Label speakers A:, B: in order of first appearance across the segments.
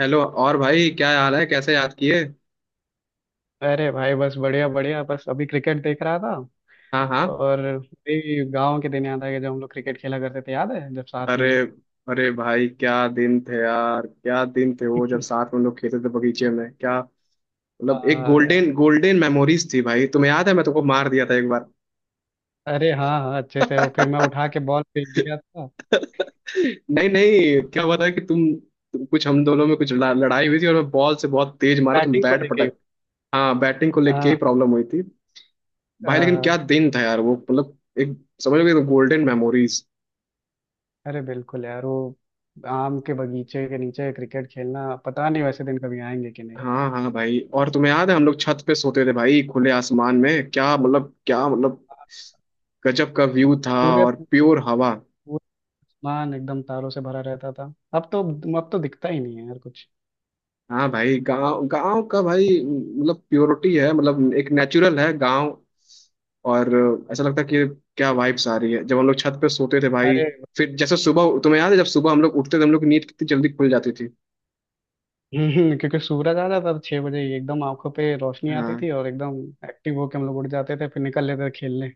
A: Hello. और भाई, क्या हाल है? कैसे याद किए?
B: अरे भाई, बस बढ़िया बढ़िया। बस अभी क्रिकेट देख रहा था,
A: हाँ हाँ।
B: और वही गांव के दिन याद आ गया जब हम लोग क्रिकेट खेला करते थे। याद है जब साथ
A: अरे।
B: में
A: अरे भाई, क्या दिन थे यार, क्या दिन थे वो जब साथ में हम लोग खेलते थे बगीचे में, क्या मतलब एक
B: हाँ यार।
A: गोल्डन गोल्डन मेमोरीज थी भाई। तुम्हें याद है, मैं तुमको मार दिया था एक बार।
B: अरे हाँ हाँ, अच्छे से। वो फिर मैं उठा के बॉल फेंक दिया था।
A: नहीं नहीं, क्या हुआ था कि तुम कुछ, हम दोनों में कुछ लड़ाई हुई थी, और मैं बॉल से बहुत तेज मारा, तुम
B: बैटिंग को
A: बैट
B: लेके ही।
A: पटक। हाँ, बैटिंग को लेके ही
B: हाँ
A: प्रॉब्लम हुई थी भाई।
B: हाँ
A: लेकिन क्या
B: हाँ।
A: दिन था यार वो, मतलब एक, समझ लो कि गोल्डन मेमोरीज।
B: अरे बिल्कुल यार, वो आम के बगीचे के नीचे क्रिकेट खेलना। पता नहीं वैसे दिन कभी आएंगे कि नहीं।
A: हाँ हाँ भाई, और तुम्हें याद है हम लोग छत पे सोते थे भाई, खुले आसमान में, क्या मतलब गजब का व्यू था।
B: पूरे
A: और
B: पूरे
A: प्योर हवा।
B: पूरे आसमान एकदम तारों से भरा रहता था। अब तो दिखता ही नहीं है यार कुछ।
A: हाँ भाई, गांव गांव का भाई मतलब प्योरिटी है, मतलब एक नेचुरल है गांव। और ऐसा लगता है कि क्या वाइब्स आ रही है जब हम लोग छत पे सोते थे भाई।
B: अरे
A: फिर जैसे सुबह, तुम्हें याद है जब सुबह हम लोग उठते थे, हम लोग की नींद कितनी जल्दी खुल जाती थी।
B: क्योंकि सूरज आ जाता था छह बजे ही, एकदम आंखों पे रोशनी आती
A: हाँ
B: थी और एकदम एक्टिव होके हम लोग उठ जाते थे, फिर निकल लेते थे खेलने।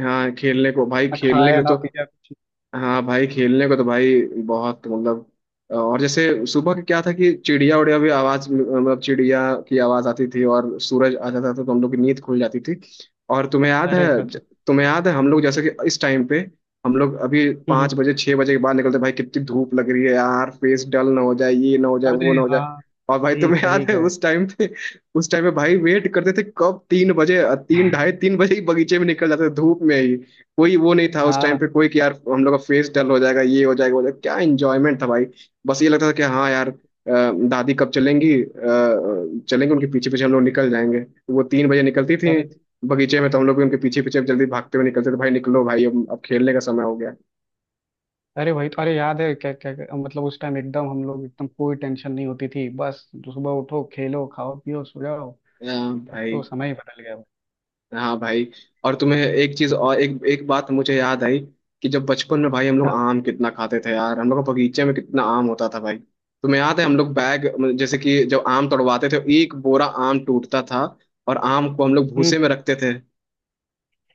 A: हाँ। खेलने को भाई,
B: ना
A: खेलने के
B: खाया
A: लिए
B: ना
A: तो।
B: पिया कुछ।
A: हाँ भाई, खेलने को तो भाई बहुत, मतलब। और जैसे सुबह के क्या था कि चिड़िया उड़िया भी आवाज, मतलब चिड़िया की आवाज आती थी, और सूरज आ जाता था तो हम लोग की नींद खुल जाती थी। और तुम्हें याद
B: अरे
A: है,
B: सच
A: तुम्हें याद है हम लोग जैसे कि इस टाइम पे हम लोग अभी
B: में।
A: 5 बजे 6 बजे के बाद निकलते भाई, कितनी धूप लग रही है यार, फेस डल ना हो जाए, ये ना हो जाए,
B: अरे
A: वो ना हो जाए।
B: हाँ।
A: और भाई
B: सही
A: तुम्हें
B: सही
A: याद है
B: कहे।
A: उस टाइम पे, उस टाइम पे भाई वेट करते थे कब 3 बजे। तीन, ढाई तीन बजे ही बगीचे में निकल जाते थे धूप में। कोई वो नहीं था उस टाइम
B: हाँ।
A: पे कोई कि यार हम लोग का फेस डल हो जाएगा, ये हो जाएगा, वो हो जाएगा। क्या एंजॉयमेंट था भाई। बस ये लगता था कि हाँ यार, दादी कब चलेंगी, चलेंगी उनके
B: हम्म,
A: पीछे पीछे हम लोग निकल जाएंगे। वो 3 बजे निकलती थी
B: अरे
A: बगीचे में, तो हम लोग भी उनके पीछे पीछे जल्दी भागते हुए निकलते थे भाई, निकलो भाई अब खेलने का समय हो गया।
B: अरे वही तो। अरे याद है, क्या क्या क्या- मतलब उस टाइम एकदम हम लोग एकदम कोई टेंशन नहीं होती थी। बस सुबह उठो, खेलो, खाओ, पियो, सो जाओ। अब
A: भाई।
B: तो समय ही बदल गया।
A: हाँ भाई, और तुम्हें एक चीज और, एक एक बात मुझे याद आई कि जब बचपन में भाई हम लोग
B: हाँ।
A: आम कितना खाते थे यार, हम लोग का बगीचे में कितना आम होता था भाई। तुम्हें याद है हम लोग बैग, मतलब जैसे कि जब आम तोड़वाते थे, एक बोरा आम टूटता था, और आम को हम लोग
B: हम्म
A: भूसे में रखते थे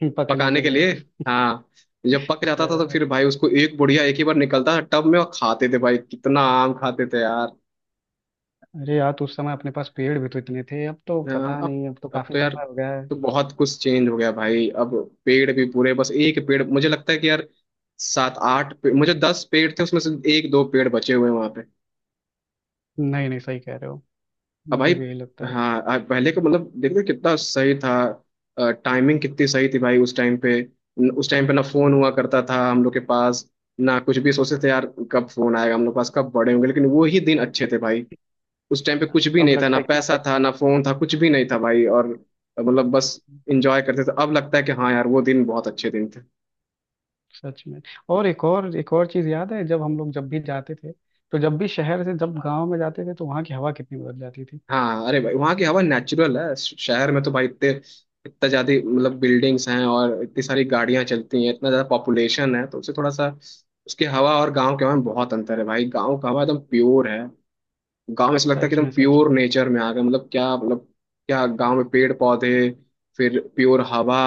B: पकने
A: पकाने
B: के
A: के
B: लिए।
A: लिए। हाँ। जब पक
B: अ,
A: जाता था तो फिर भाई उसको एक बुढ़िया, एक ही बार निकलता था टब में, और खाते थे भाई कितना आम खाते थे यार।
B: अरे यार तो उस समय अपने पास पेड़ भी तो इतने थे। अब तो
A: हाँ।
B: पता
A: अब
B: नहीं, अब तो
A: अब
B: काफी
A: तो यार,
B: समय हो गया है।
A: तो बहुत कुछ चेंज हो गया भाई। अब पेड़ भी पूरे, बस एक पेड़ मुझे लगता है कि यार मुझे 10 पेड़ थे उसमें से एक दो पेड़ बचे हुए हैं वहां पे।
B: नहीं नहीं, सही कह रहे हो।
A: अब भाई,
B: मुझे भी यही लगता है।
A: हाँ अब पहले का मतलब देखो कितना सही था। टाइमिंग कितनी सही थी भाई उस टाइम पे। उस टाइम पे ना फोन
B: हम्म,
A: हुआ करता था हम लोग के पास, ना कुछ भी सोचते थे यार कब फोन आएगा हम लोग के पास, कब बड़े होंगे। लेकिन वो ही दिन अच्छे थे भाई। उस टाइम पे कुछ भी
B: अब
A: नहीं था, ना
B: लगता है क्यों
A: पैसा
B: बड़े।
A: था ना फोन था, कुछ भी नहीं था भाई। और मतलब बस इंजॉय करते थे। अब लगता है कि हाँ यार, वो दिन बहुत अच्छे दिन थे।
B: सच में। और एक और चीज याद है, जब हम लोग जब भी जाते थे, तो जब भी शहर से जब गांव में जाते थे, तो वहां की हवा कितनी बदल जाती थी।
A: हाँ, अरे भाई वहाँ की हवा नेचुरल है। शहर में तो भाई इतने, इतना ज्यादा मतलब बिल्डिंग्स हैं और इतनी सारी गाड़ियां चलती हैं, इतना ज्यादा पॉपुलेशन है, तो उससे थोड़ा सा उसकी हवा और गाँव के हवा में बहुत अंतर है भाई। गाँव का हवा एकदम प्योर है। गांव में ऐसा लगता है कि
B: सच में
A: एकदम
B: सच में।
A: प्योर नेचर में आ गए, मतलब क्या मतलब क्या। गांव में पेड़ पौधे, फिर प्योर हवा,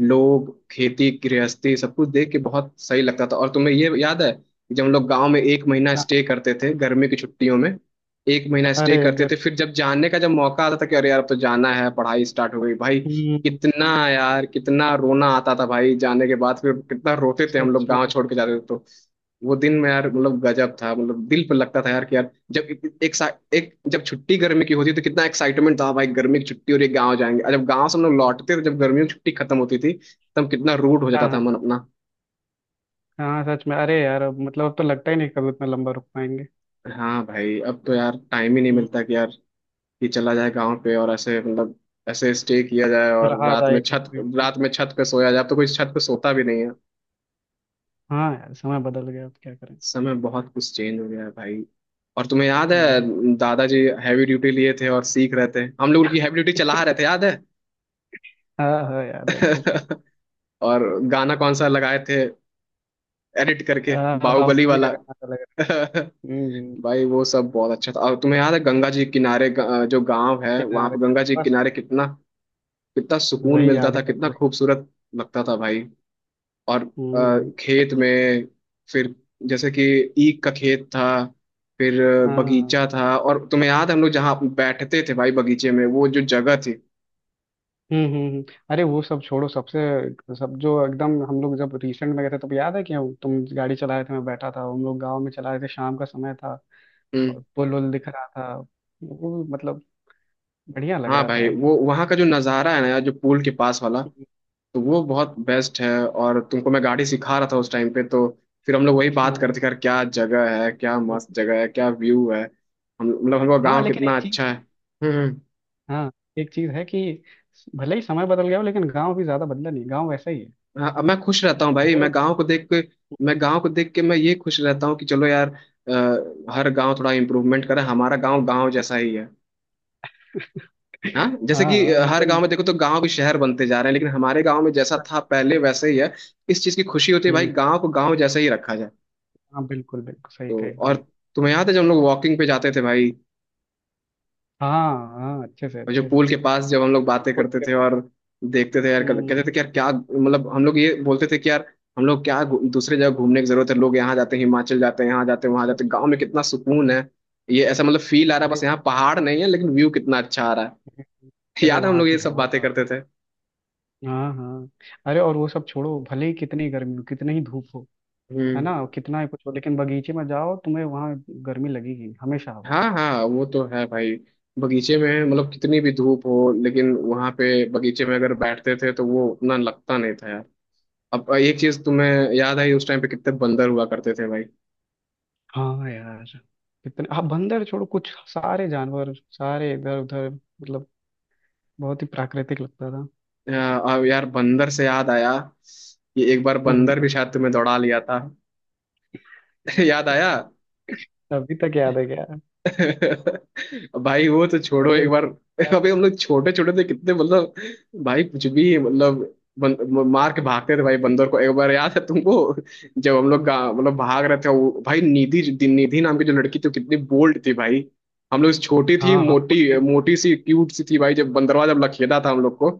A: लोग खेती गृहस्थी, सब कुछ देख के बहुत सही लगता था। और तुम्हें ये याद है कि जब हम लोग गांव में एक महीना
B: हाँ,
A: स्टे करते थे गर्मी की छुट्टियों में, एक महीना स्टे
B: अरे
A: करते
B: गर।
A: थे, फिर जब जाने का जब मौका आता था कि अरे यार अब तो जाना है, पढ़ाई स्टार्ट हो गई भाई,
B: हम्म,
A: कितना यार कितना रोना आता था भाई। जाने के बाद फिर कितना रोते थे हम
B: सच
A: लोग, गांव
B: में।
A: छोड़ के जाते थे तो वो दिन में यार मतलब गजब था, मतलब दिल पर लगता था यार कि यार जब एक सा- एक जब छुट्टी गर्मी की होती तो कितना एक्साइटमेंट था भाई, गर्मी की छुट्टी और एक गाँव जाएंगे। और जब गाँव से हम लोग लौटते थे जब गर्मियों की छुट्टी खत्म होती थी, तब कितना रूड हो जाता
B: हाँ हाँ।
A: था मन अपना।
B: हाँ सच में। अरे यार अब मतलब अब तो लगता ही नहीं कभी उतना लंबा रुक पाएंगे।
A: हाँ भाई, अब तो यार टाइम ही नहीं
B: हम्म,
A: मिलता कि यार कि चला जाए गाँव पे, और ऐसे मतलब ऐसे स्टे किया जाए, और
B: रहा था एक एक मिनट।
A: रात में छत पे सोया जाए। अब तो कोई छत पे सोता भी नहीं है।
B: हाँ यार समय बदल गया, अब क्या करें।
A: समय बहुत कुछ चेंज हो गया है भाई। और तुम्हें याद
B: हम्म।
A: है दादाजी हैवी ड्यूटी लिए थे और सीख रहे थे, हम लोग उनकी हैवी ड्यूटी चला रहे थे, याद है?
B: हाँ हाँ, याद है अच्छे से।
A: और गाना कौन सा लगाए थे एडिट करके,
B: हाँ
A: बाहुबली
B: बाहुबली का
A: वाला।
B: गाना तो लग रहा है। हम्म,
A: भाई वो सब बहुत अच्छा था। और तुम्हें याद है गंगा जी के किनारे, जो गांव है वहां
B: किनारे।
A: पे गंगा जी के
B: बस
A: किनारे कितना, कितना सुकून
B: वही
A: मिलता
B: याद
A: था,
B: ही कर,
A: कितना
B: वही।
A: खूबसूरत लगता था भाई। और
B: हम्म।
A: खेत में, फिर जैसे कि ईख का खेत था, फिर
B: हाँ हाँ।
A: बगीचा था, और तुम्हें याद है हम लोग जहाँ बैठते थे भाई बगीचे में, वो जो जगह थी।
B: हम्म हम्म हम्म। अरे वो सब छोड़ो। सबसे सब जो एकदम हम लोग जब रिसेंट में गए थे, तब याद है क्यों। तुम गाड़ी चला रहे थे, मैं बैठा था, हम लोग गांव में चला रहे थे। शाम का समय था
A: हम्म।
B: और पुल उल दिख रहा था, वो मतलब बढ़िया लग
A: हाँ
B: रहा था
A: भाई,
B: यार
A: वो
B: वो।
A: वहाँ का जो नज़ारा है ना यार, जो पुल के पास वाला, तो वो बहुत बेस्ट है। और तुमको मैं गाड़ी सिखा रहा था उस टाइम पे, तो फिर हम लोग वही बात
B: हाँ
A: करते कर रहे थे कि यार क्या जगह है, क्या मस्त जगह है, क्या व्यू है। हम मतलब हमको
B: हाँ,
A: गाँव
B: लेकिन
A: कितना
B: एक चीज।
A: अच्छा है। हम्म हम्म।
B: हाँ, एक चीज है कि भले ही समय बदल गया हो, लेकिन गांव भी ज्यादा बदला नहीं, गांव वैसा ही है।
A: हाँ, अब मैं खुश रहता हूँ भाई
B: लोग
A: मैं गाँव को देख के मैं ये खुश रहता हूँ कि चलो यार हर गाँव थोड़ा इम्प्रूवमेंट करे, हमारा गाँव गाँव जैसा ही है। हाँ जैसे कि
B: हाँ
A: हर गांव
B: मतलब।
A: में देखो तो गांव भी शहर बनते जा रहे हैं, लेकिन हमारे गांव में जैसा था पहले वैसे ही है। इस चीज की खुशी होती है भाई
B: हम्म,
A: गांव को गांव जैसा ही रखा जाए।
B: हाँ बिल्कुल बिल्कुल, सही
A: तो
B: कहा
A: और
B: एकदम।
A: तुम्हें याद है जब हम लोग वॉकिंग पे जाते थे भाई,
B: हाँ हाँ, अच्छे से
A: और जो
B: अच्छे
A: पूल
B: से।
A: के पास जब हम लोग बातें
B: खुद
A: करते
B: के
A: थे
B: पास।
A: और देखते थे यार,
B: हम्म।
A: कहते थे कि यार क्या मतलब, हम लोग ये बोलते थे कि यार हम लोग क्या दूसरे जगह घूमने की जरूरत है? लोग यहाँ जाते हैं, हिमाचल जाते हैं, यहाँ जाते हैं वहां
B: सच।
A: जाते हैं, गाँव में कितना सुकून है। ये ऐसा मतलब फील आ रहा है, बस
B: अरे।
A: यहाँ पहाड़ नहीं है लेकिन व्यू कितना अच्छा आ रहा है।
B: अरे
A: याद है हम
B: वहाँ
A: लोग
B: की
A: ये सब बातें
B: हवा।
A: करते थे।
B: हाँ हाँ। अरे और वो सब छोड़ो, भले ही कितनी गर्मी हो, कितनी ही धूप हो, है
A: हम्म।
B: ना, कितना ही कुछ हो, लेकिन बगीचे में जाओ, तुम्हें वहाँ गर्मी लगेगी, हमेशा हवा।
A: हाँ हाँ, वो तो है भाई। बगीचे में मतलब कितनी भी धूप हो लेकिन वहां पे बगीचे में अगर बैठते थे तो वो उतना लगता नहीं था। अब एक चीज तुम्हें याद आई, उस टाइम पे कितने बंदर हुआ करते थे भाई।
B: हाँ यार, कितने, हाँ बंदर छोड़ो, कुछ सारे जानवर सारे इधर उधर मतलब बहुत ही प्राकृतिक लगता था।
A: अ, अब यार बंदर से याद आया कि एक बार
B: हम्म हम्म,
A: बंदर भी शायद तुम्हें दौड़ा लिया था। याद आया।
B: अभी तक याद है क्या।
A: भाई वो तो छोड़ो,
B: अरे
A: एक बार
B: उसका।
A: अभी हम लोग छोटे छोटे थे कितने, मतलब भाई कुछ भी मतलब मार के भागते थे भाई बंदर को, एक बार याद है तुमको जब हम लोग मतलब भाग रहे थे, वो भाई निधि, निधि नाम की जो लड़की थी, वो कितनी बोल्ड थी भाई। हम लोग छोटी थी,
B: हाँ हाँ वो
A: मोटी
B: name-
A: मोटी सी क्यूट सी थी भाई, जब बंदरवा जब लखेदा था हम लोग को,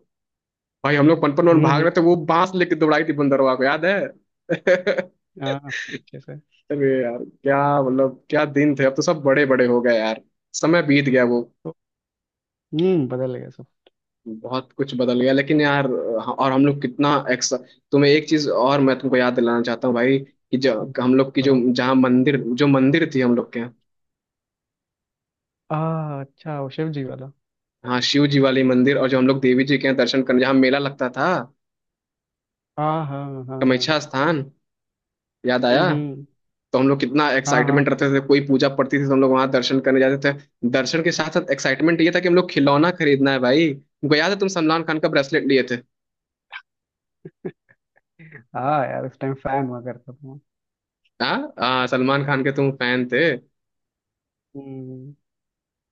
A: भाई हम लोग पनपन वन भाग
B: हम्म।
A: रहे थे, वो बांस लेके दौड़ाई थी बंदरवा को, याद है?
B: हाँ, अच्छे से।
A: अरे यार क्या मतलब, क्या दिन थे, अब तो सब बड़े बड़े हो गए यार। समय बीत गया वो,
B: तो हम्म, बदल गया सब।
A: बहुत कुछ बदल गया लेकिन यार, और हम लोग कितना एक्स, तुम्हें एक चीज और मैं तुमको याद दिलाना चाहता हूँ भाई कि जो
B: हम्म,
A: हम लोग की जो
B: बताओ।
A: जहाँ मंदिर, जो मंदिर थी हम लोग के यहाँ।
B: आ अच्छा, वो शिव जी वाला।
A: हाँ शिव जी वाली मंदिर, और जो हम लोग देवी जी के यहाँ दर्शन करने, जहाँ मेला लगता था,
B: हाँ हाँ हाँ।
A: कामाख्या स्थान, याद
B: हम्म
A: आया।
B: हम्म,
A: तो हम लोग कितना
B: हाँ हाँ।
A: एक्साइटमेंट रहते थे, कोई पूजा पड़ती थी तो हम लोग वहां दर्शन करने जाते थे, दर्शन के साथ साथ एक्साइटमेंट ये था कि हम लोग खिलौना खरीदना है भाई। तुमको याद है तुम सलमान खान का ब्रेसलेट लिए थे।
B: हाँ यार, उस टाइम फैन हुआ करता था।
A: हाँ हाँ, सलमान खान के तुम फैन थे।
B: हम्म।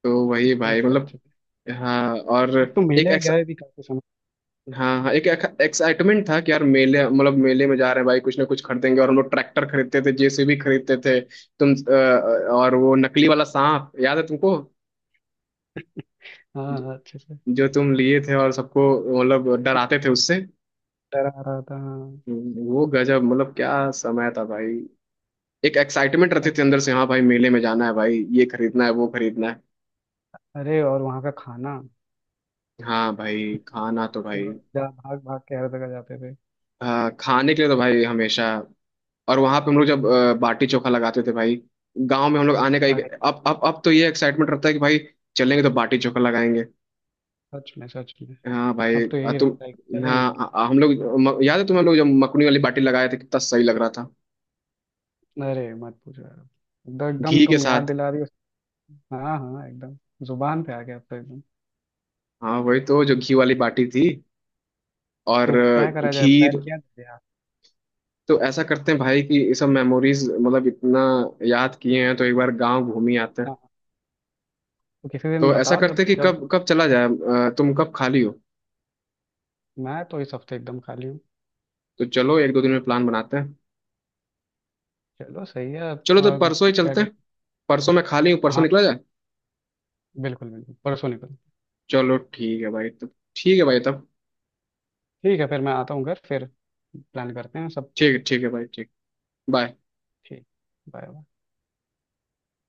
A: तो वही
B: नहीं,
A: भाई मतलब।
B: सच में।
A: हाँ, और
B: अब तो
A: एक
B: मेले
A: एक्स,
B: गए भी काफी समय।
A: हाँ हाँ एक एक्साइटमेंट था कि यार मेले, मतलब मेले में जा रहे हैं भाई, कुछ ना कुछ खरीदेंगे, और हम लोग ट्रैक्टर खरीदते थे, जेसीबी खरीदते थे। तुम और वो नकली वाला सांप याद है तुमको,
B: हाँ
A: ज-
B: हाँ, अच्छे से।
A: जो तुम लिए थे और सबको मतलब डराते थे उससे।
B: डर आ रहा था हाँ।
A: वो गजब, मतलब क्या समय था भाई। एक एक्साइटमेंट रहती थी
B: सच।
A: अंदर से, हाँ भाई मेले में जाना है भाई, ये खरीदना है वो खरीदना है।
B: अरे और वहाँ का खाना,
A: हाँ भाई खाना तो भाई,
B: जो जा भाग भाग के हर जगह जाते थे।
A: हाँ, खाने के लिए तो भाई हमेशा। और वहां पे हम लोग जब बाटी चोखा लगाते थे भाई, गांव में हम लोग आने का एक
B: अरे
A: अब तो ये एक्साइटमेंट रहता है कि भाई चलेंगे तो बाटी चोखा लगाएंगे।
B: सच में सच में।
A: हाँ भाई
B: अब तो यही रहता है कि
A: तुम
B: चलेंगे।
A: हाँ हम लोग याद है तुम्हें हम लोग जब मकुनी वाली बाटी लगाए थे कितना सही लग रहा था,
B: अरे मत पूछो यार, अब तो एकदम
A: घी के
B: तुम याद
A: साथ।
B: दिला रही हो। हाँ हाँ एकदम, जुबान पे आ गया अब तो एकदम।
A: हाँ वही तो, जो घी वाली बाटी थी। और
B: तो क्या करा जाए, प्लान
A: खीर।
B: किया जाए यार।
A: तो ऐसा करते हैं भाई कि ये सब मेमोरीज मतलब इतना याद किए हैं तो एक बार गांव घूम ही आते हैं।
B: तो किसी दिन
A: तो ऐसा
B: बताओ,
A: करते
B: जब
A: हैं कि
B: जब
A: कब कब चला जाए, तुम कब खाली हो?
B: मैं तो इस हफ्ते एकदम खाली हूँ।
A: तो चलो एक दो दिन में प्लान बनाते हैं।
B: चलो सही है,
A: चलो तो परसों ही
B: क्या
A: चलते
B: कहते।
A: हैं, परसों मैं खाली हूँ, परसों
B: हाँ
A: निकला जाए।
B: बिल्कुल बिल्कुल, परसों निकलो।
A: चलो ठीक है भाई तब, ठीक है भाई तब
B: ठीक है फिर, मैं आता हूँ घर, फिर प्लान करते हैं सब।
A: ठीक है, ठीक है भाई ठीक। बाय।
B: ठीक। बाय।